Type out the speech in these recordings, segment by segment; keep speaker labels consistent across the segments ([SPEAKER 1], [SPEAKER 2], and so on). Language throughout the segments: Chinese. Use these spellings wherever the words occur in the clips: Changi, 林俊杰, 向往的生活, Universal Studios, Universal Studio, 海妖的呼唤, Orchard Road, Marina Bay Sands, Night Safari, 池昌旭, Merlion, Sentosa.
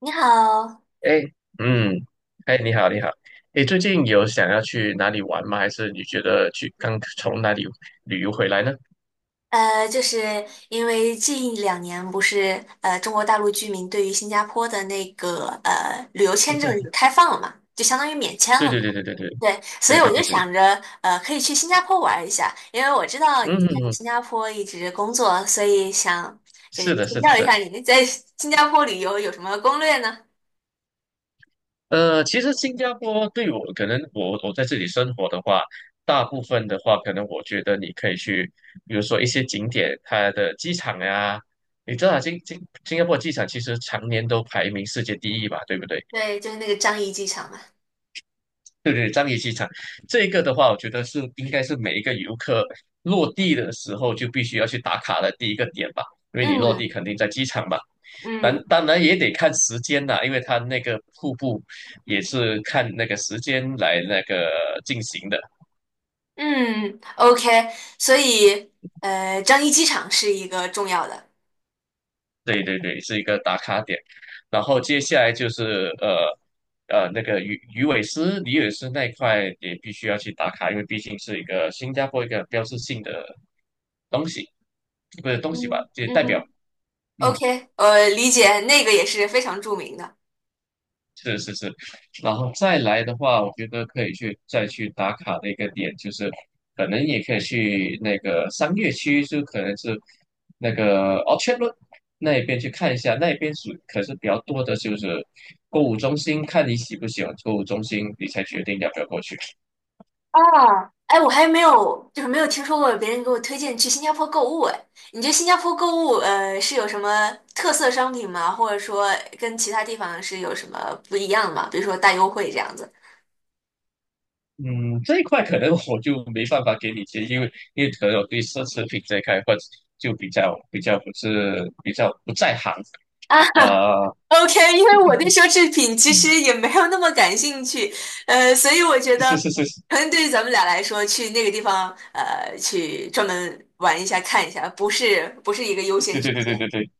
[SPEAKER 1] 你好，
[SPEAKER 2] 哎，嗯，哎，你好，你好。哎，最近有想要去哪里玩吗？还是你觉得去刚从哪里旅游回来呢？
[SPEAKER 1] 就是因为近两年不是中国大陆居民对于新加坡的那个旅游
[SPEAKER 2] 嗯
[SPEAKER 1] 签证
[SPEAKER 2] 哼。
[SPEAKER 1] 有开放了嘛，就相当于免签
[SPEAKER 2] 对
[SPEAKER 1] 了
[SPEAKER 2] 对
[SPEAKER 1] 嘛，
[SPEAKER 2] 对对对对
[SPEAKER 1] 对，所
[SPEAKER 2] 对
[SPEAKER 1] 以我
[SPEAKER 2] 对
[SPEAKER 1] 就
[SPEAKER 2] 对对。
[SPEAKER 1] 想着可以去新加坡玩一下，因为我知道你
[SPEAKER 2] 嗯
[SPEAKER 1] 在
[SPEAKER 2] 哼哼。
[SPEAKER 1] 新加坡一直工作，所以想就是
[SPEAKER 2] 是的，是
[SPEAKER 1] 请
[SPEAKER 2] 的，
[SPEAKER 1] 教
[SPEAKER 2] 是
[SPEAKER 1] 一
[SPEAKER 2] 的。
[SPEAKER 1] 下你在新加坡旅游有什么攻略呢？
[SPEAKER 2] 其实新加坡对我，可能我在这里生活的话，大部分的话，可能我觉得你可以去，比如说一些景点，它的机场呀、你知道啊新加坡机场其实常年都排名世界第一吧，对不对？
[SPEAKER 1] 对，就是那个樟宜机场嘛。
[SPEAKER 2] 对对，樟宜机场这个的话，我觉得是应该是每一个游客落地的时候就必须要去打卡的第一个点吧，因为你落
[SPEAKER 1] 嗯
[SPEAKER 2] 地肯定在机场嘛。
[SPEAKER 1] 嗯
[SPEAKER 2] 当然也得看时间啦，因为它那个瀑布也是看那个时间来那个进行的。
[SPEAKER 1] 嗯，OK，所以樟宜机场是一个重要的。
[SPEAKER 2] 对对对，是一个打卡点。然后接下来就是呃那个鱼尾狮、鱼尾狮那一块也必须要去打卡，因为毕竟是一个新加坡一个标志性的东西，不是东西吧，
[SPEAKER 1] 嗯
[SPEAKER 2] 就
[SPEAKER 1] 嗯
[SPEAKER 2] 代表。
[SPEAKER 1] 哼
[SPEAKER 2] 嗯。
[SPEAKER 1] ，OK，理解，那个也是非常著名的
[SPEAKER 2] 是是是。然后再来的话，我觉得可以去再去打卡的一个点，就是可能也可以去那个商业区，就可能是那个 o r c a r d r o a 那一边去看一下，那一边是可是比较多的就是购物中心，看你喜不喜欢购物中心，你才决定要不要过去。
[SPEAKER 1] 啊。哎，我还没有，就是没有听说过别人给我推荐去新加坡购物。哎，你觉得新加坡购物，是有什么特色商品吗？或者说跟其他地方是有什么不一样吗？比如说大优惠这样子
[SPEAKER 2] 嗯，这一块可能我就没办法给你建议，因为可能我对奢侈品这一块或者就比较比较不是比较不在行
[SPEAKER 1] 啊？
[SPEAKER 2] 啊。
[SPEAKER 1] OK，因为我对奢侈品其实也没有那么感兴趣，所以我觉得
[SPEAKER 2] 是是是是。
[SPEAKER 1] 可能对于咱们俩来说，去那个地方，去专门玩一下、看一下，不是一个优先
[SPEAKER 2] 对对
[SPEAKER 1] 选
[SPEAKER 2] 对对
[SPEAKER 1] 项。
[SPEAKER 2] 对对。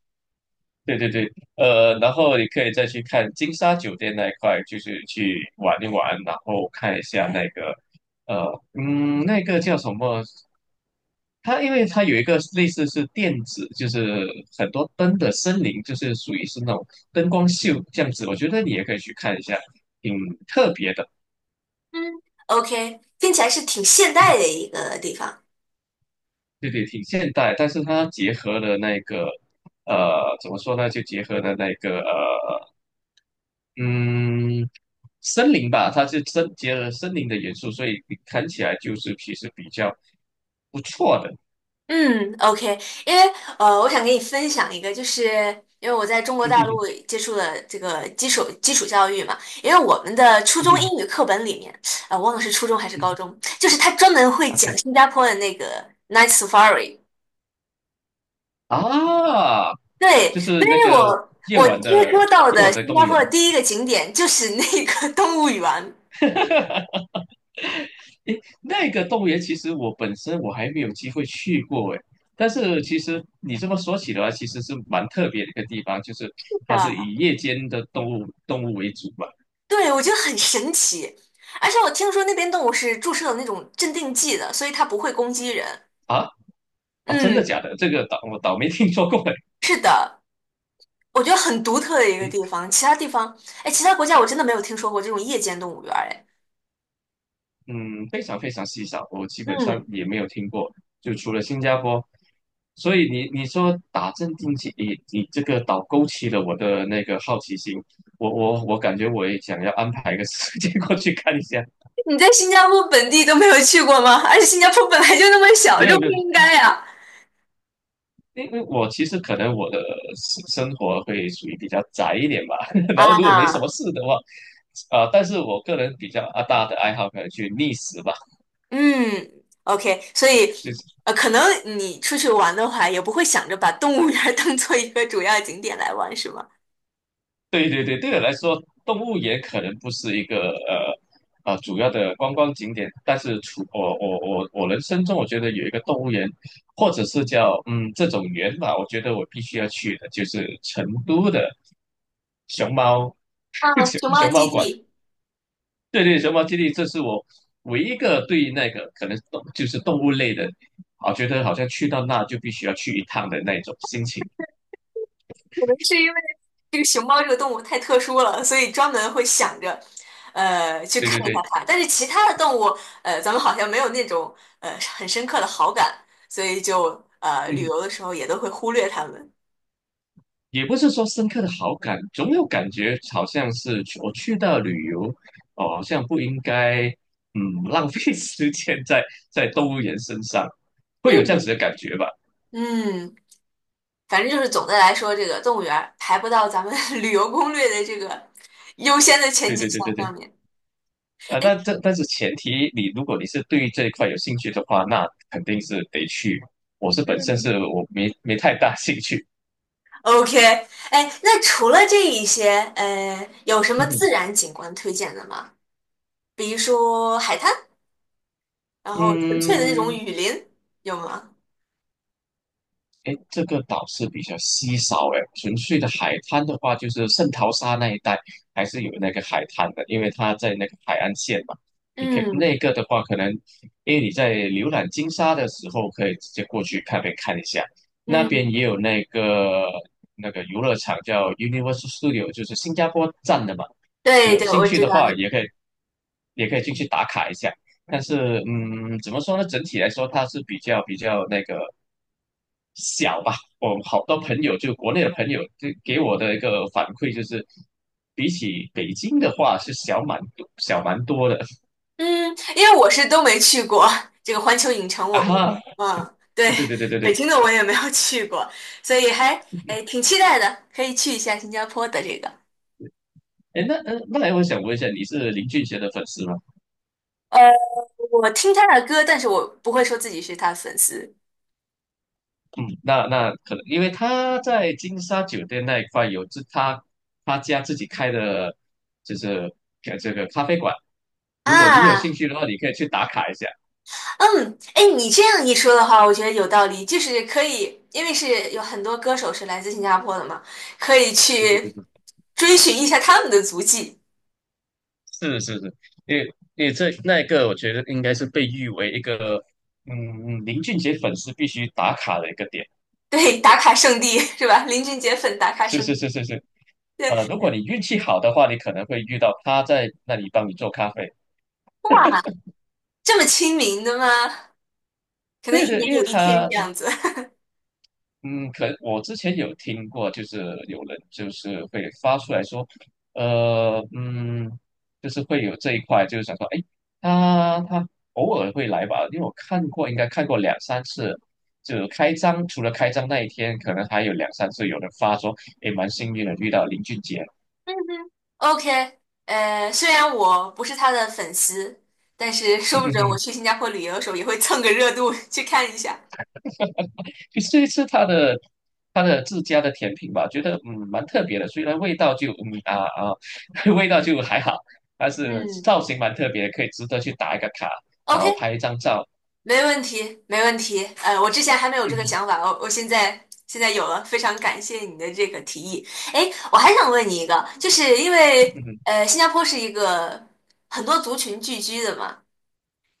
[SPEAKER 2] 对对对，然后你可以再去看金沙酒店那一块，就是去玩一玩，然后看一下那个，那个叫什么？它因为它有一个类似是电子，就是很多灯的森林，就是属于是那种灯光秀这样子，我觉得你也可以去看一下，挺特别的。
[SPEAKER 1] 嗯，OK，听起来是挺现
[SPEAKER 2] 嗯
[SPEAKER 1] 代的一个地方。
[SPEAKER 2] 对对，挺现代，但是它结合了那个，怎么说呢？就结合了那个，嗯。森林吧，它是结合森林的元素，所以你看起来就是其实比较不错的。
[SPEAKER 1] 嗯，OK，因为我想给你分享一个，就是因为我在中 国
[SPEAKER 2] 嗯
[SPEAKER 1] 大
[SPEAKER 2] 哼
[SPEAKER 1] 陆
[SPEAKER 2] 哼。
[SPEAKER 1] 接触了这个基础教育嘛，因为我们的初
[SPEAKER 2] 嗯
[SPEAKER 1] 中
[SPEAKER 2] 哼。
[SPEAKER 1] 英语课本里面，忘了是初中还是高
[SPEAKER 2] 嗯
[SPEAKER 1] 中，就是他专门会讲
[SPEAKER 2] 哼
[SPEAKER 1] 新加坡的那个 Night Safari，
[SPEAKER 2] 啊。啊，
[SPEAKER 1] 对，
[SPEAKER 2] 就是
[SPEAKER 1] 所
[SPEAKER 2] 那
[SPEAKER 1] 以
[SPEAKER 2] 个
[SPEAKER 1] 我
[SPEAKER 2] 夜
[SPEAKER 1] 我
[SPEAKER 2] 晚
[SPEAKER 1] 听
[SPEAKER 2] 的
[SPEAKER 1] 说到
[SPEAKER 2] 夜
[SPEAKER 1] 的
[SPEAKER 2] 晚的
[SPEAKER 1] 新
[SPEAKER 2] 动物
[SPEAKER 1] 加
[SPEAKER 2] 园。
[SPEAKER 1] 坡的第一个景点就是那个 动物园
[SPEAKER 2] 诶，那个动物园其实我本身我还没有机会去过诶，但是其实你这么说起来，其实是蛮特别的一个地方，就是它是
[SPEAKER 1] 的，
[SPEAKER 2] 以夜间的动物为主吧？
[SPEAKER 1] 对，我觉得很神奇，而且我听说那边动物是注射了那种镇定剂的，所以它不会攻击人，
[SPEAKER 2] 啊。啊，真的
[SPEAKER 1] 嗯，
[SPEAKER 2] 假的？这个倒我倒没听说过诶。
[SPEAKER 1] 是的。我觉得很独特的一个地方，其他地方，哎，其他国家我真的没有听说过这种夜间动物园儿，哎，
[SPEAKER 2] 嗯，非常非常稀少，我基本上
[SPEAKER 1] 嗯，
[SPEAKER 2] 也没有听过，就除了新加坡。所以你说打镇定剂，你这个倒勾起了我的那个好奇心，我感觉我也想要安排一个 时间过去看一下。
[SPEAKER 1] 你在新加坡本地都没有去过吗？而且新加坡本来就那么小，
[SPEAKER 2] 没
[SPEAKER 1] 这
[SPEAKER 2] 有没
[SPEAKER 1] 不
[SPEAKER 2] 有，
[SPEAKER 1] 应该呀。
[SPEAKER 2] 因为我其实可能我的生活会属于比较宅一点吧，
[SPEAKER 1] 啊，
[SPEAKER 2] 然后如果没什么
[SPEAKER 1] 啊
[SPEAKER 2] 事的话，啊、但是我个人比较啊大的爱好可能去觅食吧，
[SPEAKER 1] 嗯，OK，所以
[SPEAKER 2] 就是。
[SPEAKER 1] 可能你出去玩的话，也不会想着把动物园儿当做一个主要景点来玩，是吗？
[SPEAKER 2] 对对对，对我来说，动物园可能不是一个呃主要的观光景点，但是除我我人生中，我觉得有一个动物园，或者是叫这种园吧，我觉得我必须要去的，就是成都的熊猫
[SPEAKER 1] 啊，熊猫
[SPEAKER 2] 熊猫
[SPEAKER 1] 基
[SPEAKER 2] 馆。
[SPEAKER 1] 地。
[SPEAKER 2] 对对，熊猫基地，这是我唯一一个对那个可能就是动物类的，啊，觉得好像去到那就必须要去一趟的那种心情。
[SPEAKER 1] 可能是因为这个熊猫这个动物太特殊了，所以专门会想着，去
[SPEAKER 2] 对
[SPEAKER 1] 看
[SPEAKER 2] 对
[SPEAKER 1] 一下
[SPEAKER 2] 对。
[SPEAKER 1] 它。但是其他的动物，咱们好像没有那种很深刻的好感，所以就旅
[SPEAKER 2] 嗯，
[SPEAKER 1] 游的时候也都会忽略它们。
[SPEAKER 2] 也不是说深刻的好感，总有感觉好像是我去到旅游，哦，好像不应该，嗯，浪费 时间在动物园身上，会有这样子的
[SPEAKER 1] 嗯
[SPEAKER 2] 感觉吧？
[SPEAKER 1] 嗯，反正就是总的来说，这个动物园儿排不到咱们 旅游攻略的这个优先的前
[SPEAKER 2] 对
[SPEAKER 1] 几
[SPEAKER 2] 对对对
[SPEAKER 1] 项
[SPEAKER 2] 对。
[SPEAKER 1] 上面。
[SPEAKER 2] 啊，但是前提，如果你是对这一块有兴趣的话，那肯定是得去。我是本身
[SPEAKER 1] 嗯
[SPEAKER 2] 是我没太大兴趣。
[SPEAKER 1] ，OK，哎，那除了这一些，有什么
[SPEAKER 2] 嗯哼。
[SPEAKER 1] 自然景观推荐的吗？比如说海滩。然后纯粹的那种
[SPEAKER 2] 嗯，
[SPEAKER 1] 雨林有吗？
[SPEAKER 2] 哎，这个岛是比较稀少哎，纯粹的海滩的话，就是圣淘沙那一带还是有那个海滩的，因为它在那个海岸线嘛。你可以
[SPEAKER 1] 嗯
[SPEAKER 2] 那个的话，可能因为你在浏览金沙的时候，可以直接过去边看一下，那边
[SPEAKER 1] 嗯
[SPEAKER 2] 也有那个游乐场叫 Universal Studio，就是新加坡站的嘛。你
[SPEAKER 1] 对
[SPEAKER 2] 有
[SPEAKER 1] 对，
[SPEAKER 2] 兴
[SPEAKER 1] 我
[SPEAKER 2] 趣
[SPEAKER 1] 知
[SPEAKER 2] 的
[SPEAKER 1] 道那
[SPEAKER 2] 话，也可以进去打卡一下。但是嗯，怎么说呢？整体来说，它是比较那个小吧。我好多朋友，就国内的朋友，就给我的一个反馈就是，比起北京的话，是小蛮多的
[SPEAKER 1] 嗯，因为我是都没去过这个环球影城
[SPEAKER 2] 啊
[SPEAKER 1] 我，
[SPEAKER 2] 哈。
[SPEAKER 1] 我嗯，
[SPEAKER 2] 对
[SPEAKER 1] 对，
[SPEAKER 2] 对对对
[SPEAKER 1] 北
[SPEAKER 2] 对。
[SPEAKER 1] 京的我也没有去过，所以还哎挺期待的，可以去一下新加坡的这个。
[SPEAKER 2] 哎，那来我想问一下，你是林俊杰的粉丝吗？
[SPEAKER 1] 呃，我听他的歌，但是我不会说自己是他的粉丝
[SPEAKER 2] 嗯，那可能因为他在金沙酒店那一块有他家自己开的，就是呃这个咖啡馆。如果你有兴
[SPEAKER 1] 啊。
[SPEAKER 2] 趣的话，你可以去打卡一下。
[SPEAKER 1] 嗯，哎，你这样一说的话，我觉得有道理，就是可以，因为是有很多歌手是来自新加坡的嘛，可以
[SPEAKER 2] 对对对
[SPEAKER 1] 去
[SPEAKER 2] 对，
[SPEAKER 1] 追寻一下他们的足迹。
[SPEAKER 2] 是是是，因为因为这那个，我觉得应该是被誉为一个林俊杰粉丝必须打卡的一个点。
[SPEAKER 1] 对，打卡圣地是吧？林俊杰粉打卡
[SPEAKER 2] 是
[SPEAKER 1] 圣
[SPEAKER 2] 是
[SPEAKER 1] 地，
[SPEAKER 2] 是是是。
[SPEAKER 1] 对，
[SPEAKER 2] 如果你运气好的话，你可能会遇到他在那里帮你做咖啡。
[SPEAKER 1] 这么亲民的吗？可能
[SPEAKER 2] 对
[SPEAKER 1] 一
[SPEAKER 2] 对，
[SPEAKER 1] 年
[SPEAKER 2] 因
[SPEAKER 1] 有
[SPEAKER 2] 为
[SPEAKER 1] 一天
[SPEAKER 2] 他
[SPEAKER 1] 这样子。
[SPEAKER 2] 嗯，可能我之前有听过，就是有人就是会发出来说，呃，嗯，就是会有这一块，就是想说，哎，他偶尔会来吧，因为我看过，应该看过两三次，就开张，除了开张那一天，可能还有两三次有人发说，哎，蛮幸运的遇到林俊杰。
[SPEAKER 1] OK，虽然我不是他的粉丝，但是说不准我去 新加坡旅游的时候也会蹭个热度去看一下。
[SPEAKER 2] 其实这一次它的自家的甜品吧，觉得嗯蛮特别的，虽然味道就啊，味道就还好，但是
[SPEAKER 1] 嗯
[SPEAKER 2] 造型蛮特别的可以值得去打一个卡，然
[SPEAKER 1] ，OK，
[SPEAKER 2] 后拍一张照。
[SPEAKER 1] 没问题，没问题。我之前还没有这个
[SPEAKER 2] 嗯。
[SPEAKER 1] 想法，我现在有了，非常感谢你的这个提议。哎，我还想问你一个，就是因为 新加坡是一个很多族群聚居的嘛，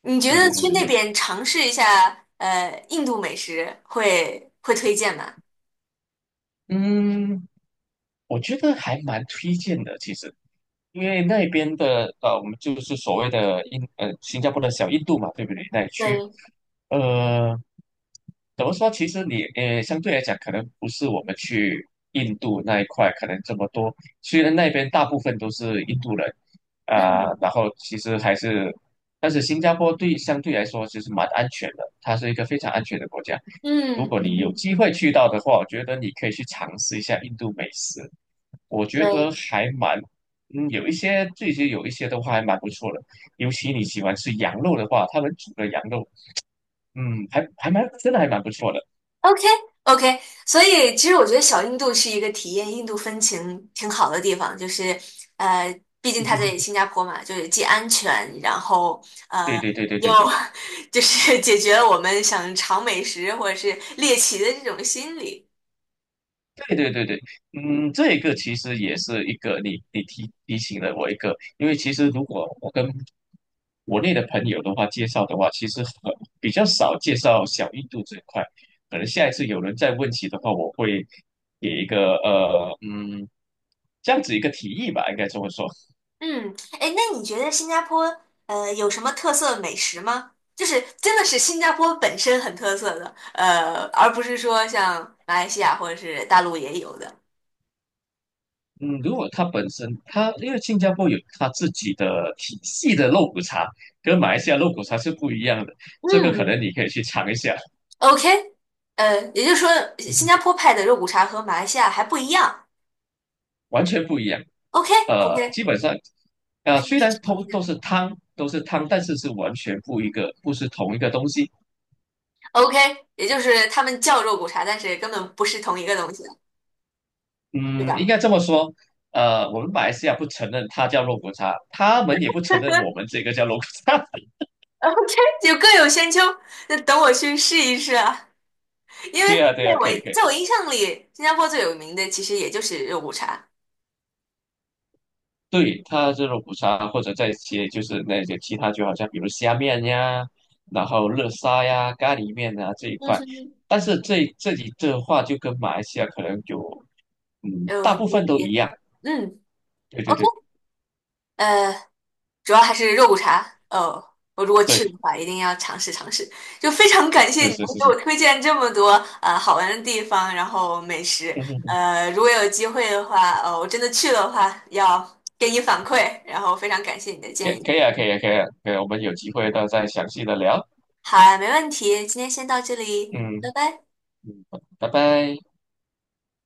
[SPEAKER 1] 你觉
[SPEAKER 2] 对
[SPEAKER 1] 得
[SPEAKER 2] 对对
[SPEAKER 1] 去
[SPEAKER 2] 对
[SPEAKER 1] 那
[SPEAKER 2] 对。
[SPEAKER 1] 边尝试一下印度美食会推荐吗？
[SPEAKER 2] 嗯，我觉得还蛮推荐的，其实。因为那边的呃，我们就是所谓的呃新加坡的小印度嘛，对不对？那一区，
[SPEAKER 1] 对，
[SPEAKER 2] 呃，怎么说？其实你呃相对来讲，可能不是我们去印度那一块可能这么多。虽然那边大部分都是印度人啊、
[SPEAKER 1] 嗯
[SPEAKER 2] 然后其实还是，但是新加坡相对来说其实蛮安全的，它是一个非常安全的国家。如
[SPEAKER 1] 嗯
[SPEAKER 2] 果你有
[SPEAKER 1] 嗯，
[SPEAKER 2] 机会去到的话，我觉得你可以去尝试一下印度美食。我觉得
[SPEAKER 1] 对，
[SPEAKER 2] 还蛮，嗯，有一些的话还蛮不错的，尤其你喜欢吃羊肉的话，他们煮的羊肉，嗯，还蛮还蛮不错的。
[SPEAKER 1] OK OK，所以其实我觉得小印度是一个体验印度风情挺好的地方，就是呃，毕竟它在新 加坡嘛，就是既安全，然后
[SPEAKER 2] 对
[SPEAKER 1] 呃
[SPEAKER 2] 对对对
[SPEAKER 1] 又
[SPEAKER 2] 对对。
[SPEAKER 1] 就是解决了我们想尝美食或者是猎奇的这种心理。
[SPEAKER 2] 对对对对，嗯，这个其实也是一个你提醒了我一个，因为其实如果我跟国内的朋友的话介绍的话，其实很比较少介绍小印度这一块，可能下一次有人再问起的话，我会给一个这样子一个提议吧，应该这么说。
[SPEAKER 1] 嗯，哎，那你觉得新加坡有什么特色美食吗？就是真的是新加坡本身很特色的，而不是说像马来西亚或者是大陆也有的。
[SPEAKER 2] 嗯，如果它本身它因为新加坡有它自己的体系的肉骨茶，跟马来西亚肉骨茶是不一样的，这个可能
[SPEAKER 1] 嗯
[SPEAKER 2] 你可以去尝一下。
[SPEAKER 1] OK，也就是说，新加坡派的肉骨茶和马来西亚还不一样。
[SPEAKER 2] 完全不一样。
[SPEAKER 1] OK，OK，
[SPEAKER 2] 基本上，
[SPEAKER 1] 可以
[SPEAKER 2] 虽
[SPEAKER 1] 去
[SPEAKER 2] 然
[SPEAKER 1] 尝一
[SPEAKER 2] 都
[SPEAKER 1] 下。
[SPEAKER 2] 是汤，都是汤，但是是完全不一个，不是同一个东西。
[SPEAKER 1] OK，也就是他们叫肉骨茶，但是根本不是同一个东西，对
[SPEAKER 2] 嗯，应
[SPEAKER 1] 吧
[SPEAKER 2] 该这么说。我们马来西亚不承认它叫肉骨茶，他们也不承认我们这个叫肉骨茶。
[SPEAKER 1] ？OK，就各有千秋。那等我去试一试啊，因为
[SPEAKER 2] 对
[SPEAKER 1] 在
[SPEAKER 2] 呀，对呀，
[SPEAKER 1] 我
[SPEAKER 2] 可以，可以。
[SPEAKER 1] 在我印象里，新加坡最有名的其实也就是肉骨茶。
[SPEAKER 2] 对，它是肉骨茶，或者再些就是那些其他，就好像比如虾面呀，然后热沙呀、咖喱面啊这一
[SPEAKER 1] 嗯
[SPEAKER 2] 块。
[SPEAKER 1] 哼，
[SPEAKER 2] 但是这里的话，就跟马来西亚可能有，嗯，
[SPEAKER 1] 有
[SPEAKER 2] 大部
[SPEAKER 1] 重
[SPEAKER 2] 分都一
[SPEAKER 1] 叠。
[SPEAKER 2] 样。
[SPEAKER 1] 嗯
[SPEAKER 2] 对对
[SPEAKER 1] ，OK，
[SPEAKER 2] 对。
[SPEAKER 1] 呃，主要还是肉骨茶。哦，我如果去
[SPEAKER 2] 对，
[SPEAKER 1] 的话，一定要尝试尝试。就非常感谢你
[SPEAKER 2] 是
[SPEAKER 1] 能
[SPEAKER 2] 是是
[SPEAKER 1] 给
[SPEAKER 2] 是。
[SPEAKER 1] 我推荐这么多好玩的地方，然后美食。
[SPEAKER 2] 嗯嗯嗯。
[SPEAKER 1] 如果有机会的话，我真的去了的话，要给你反馈。然后非常感谢你的
[SPEAKER 2] 可
[SPEAKER 1] 建
[SPEAKER 2] 以可
[SPEAKER 1] 议。
[SPEAKER 2] 以啊，可以啊，可以啊，可以啊，我们有机会到再详细的聊。
[SPEAKER 1] 好啊，没问题，今天先到这里，
[SPEAKER 2] 嗯
[SPEAKER 1] 拜拜。
[SPEAKER 2] 嗯，拜拜。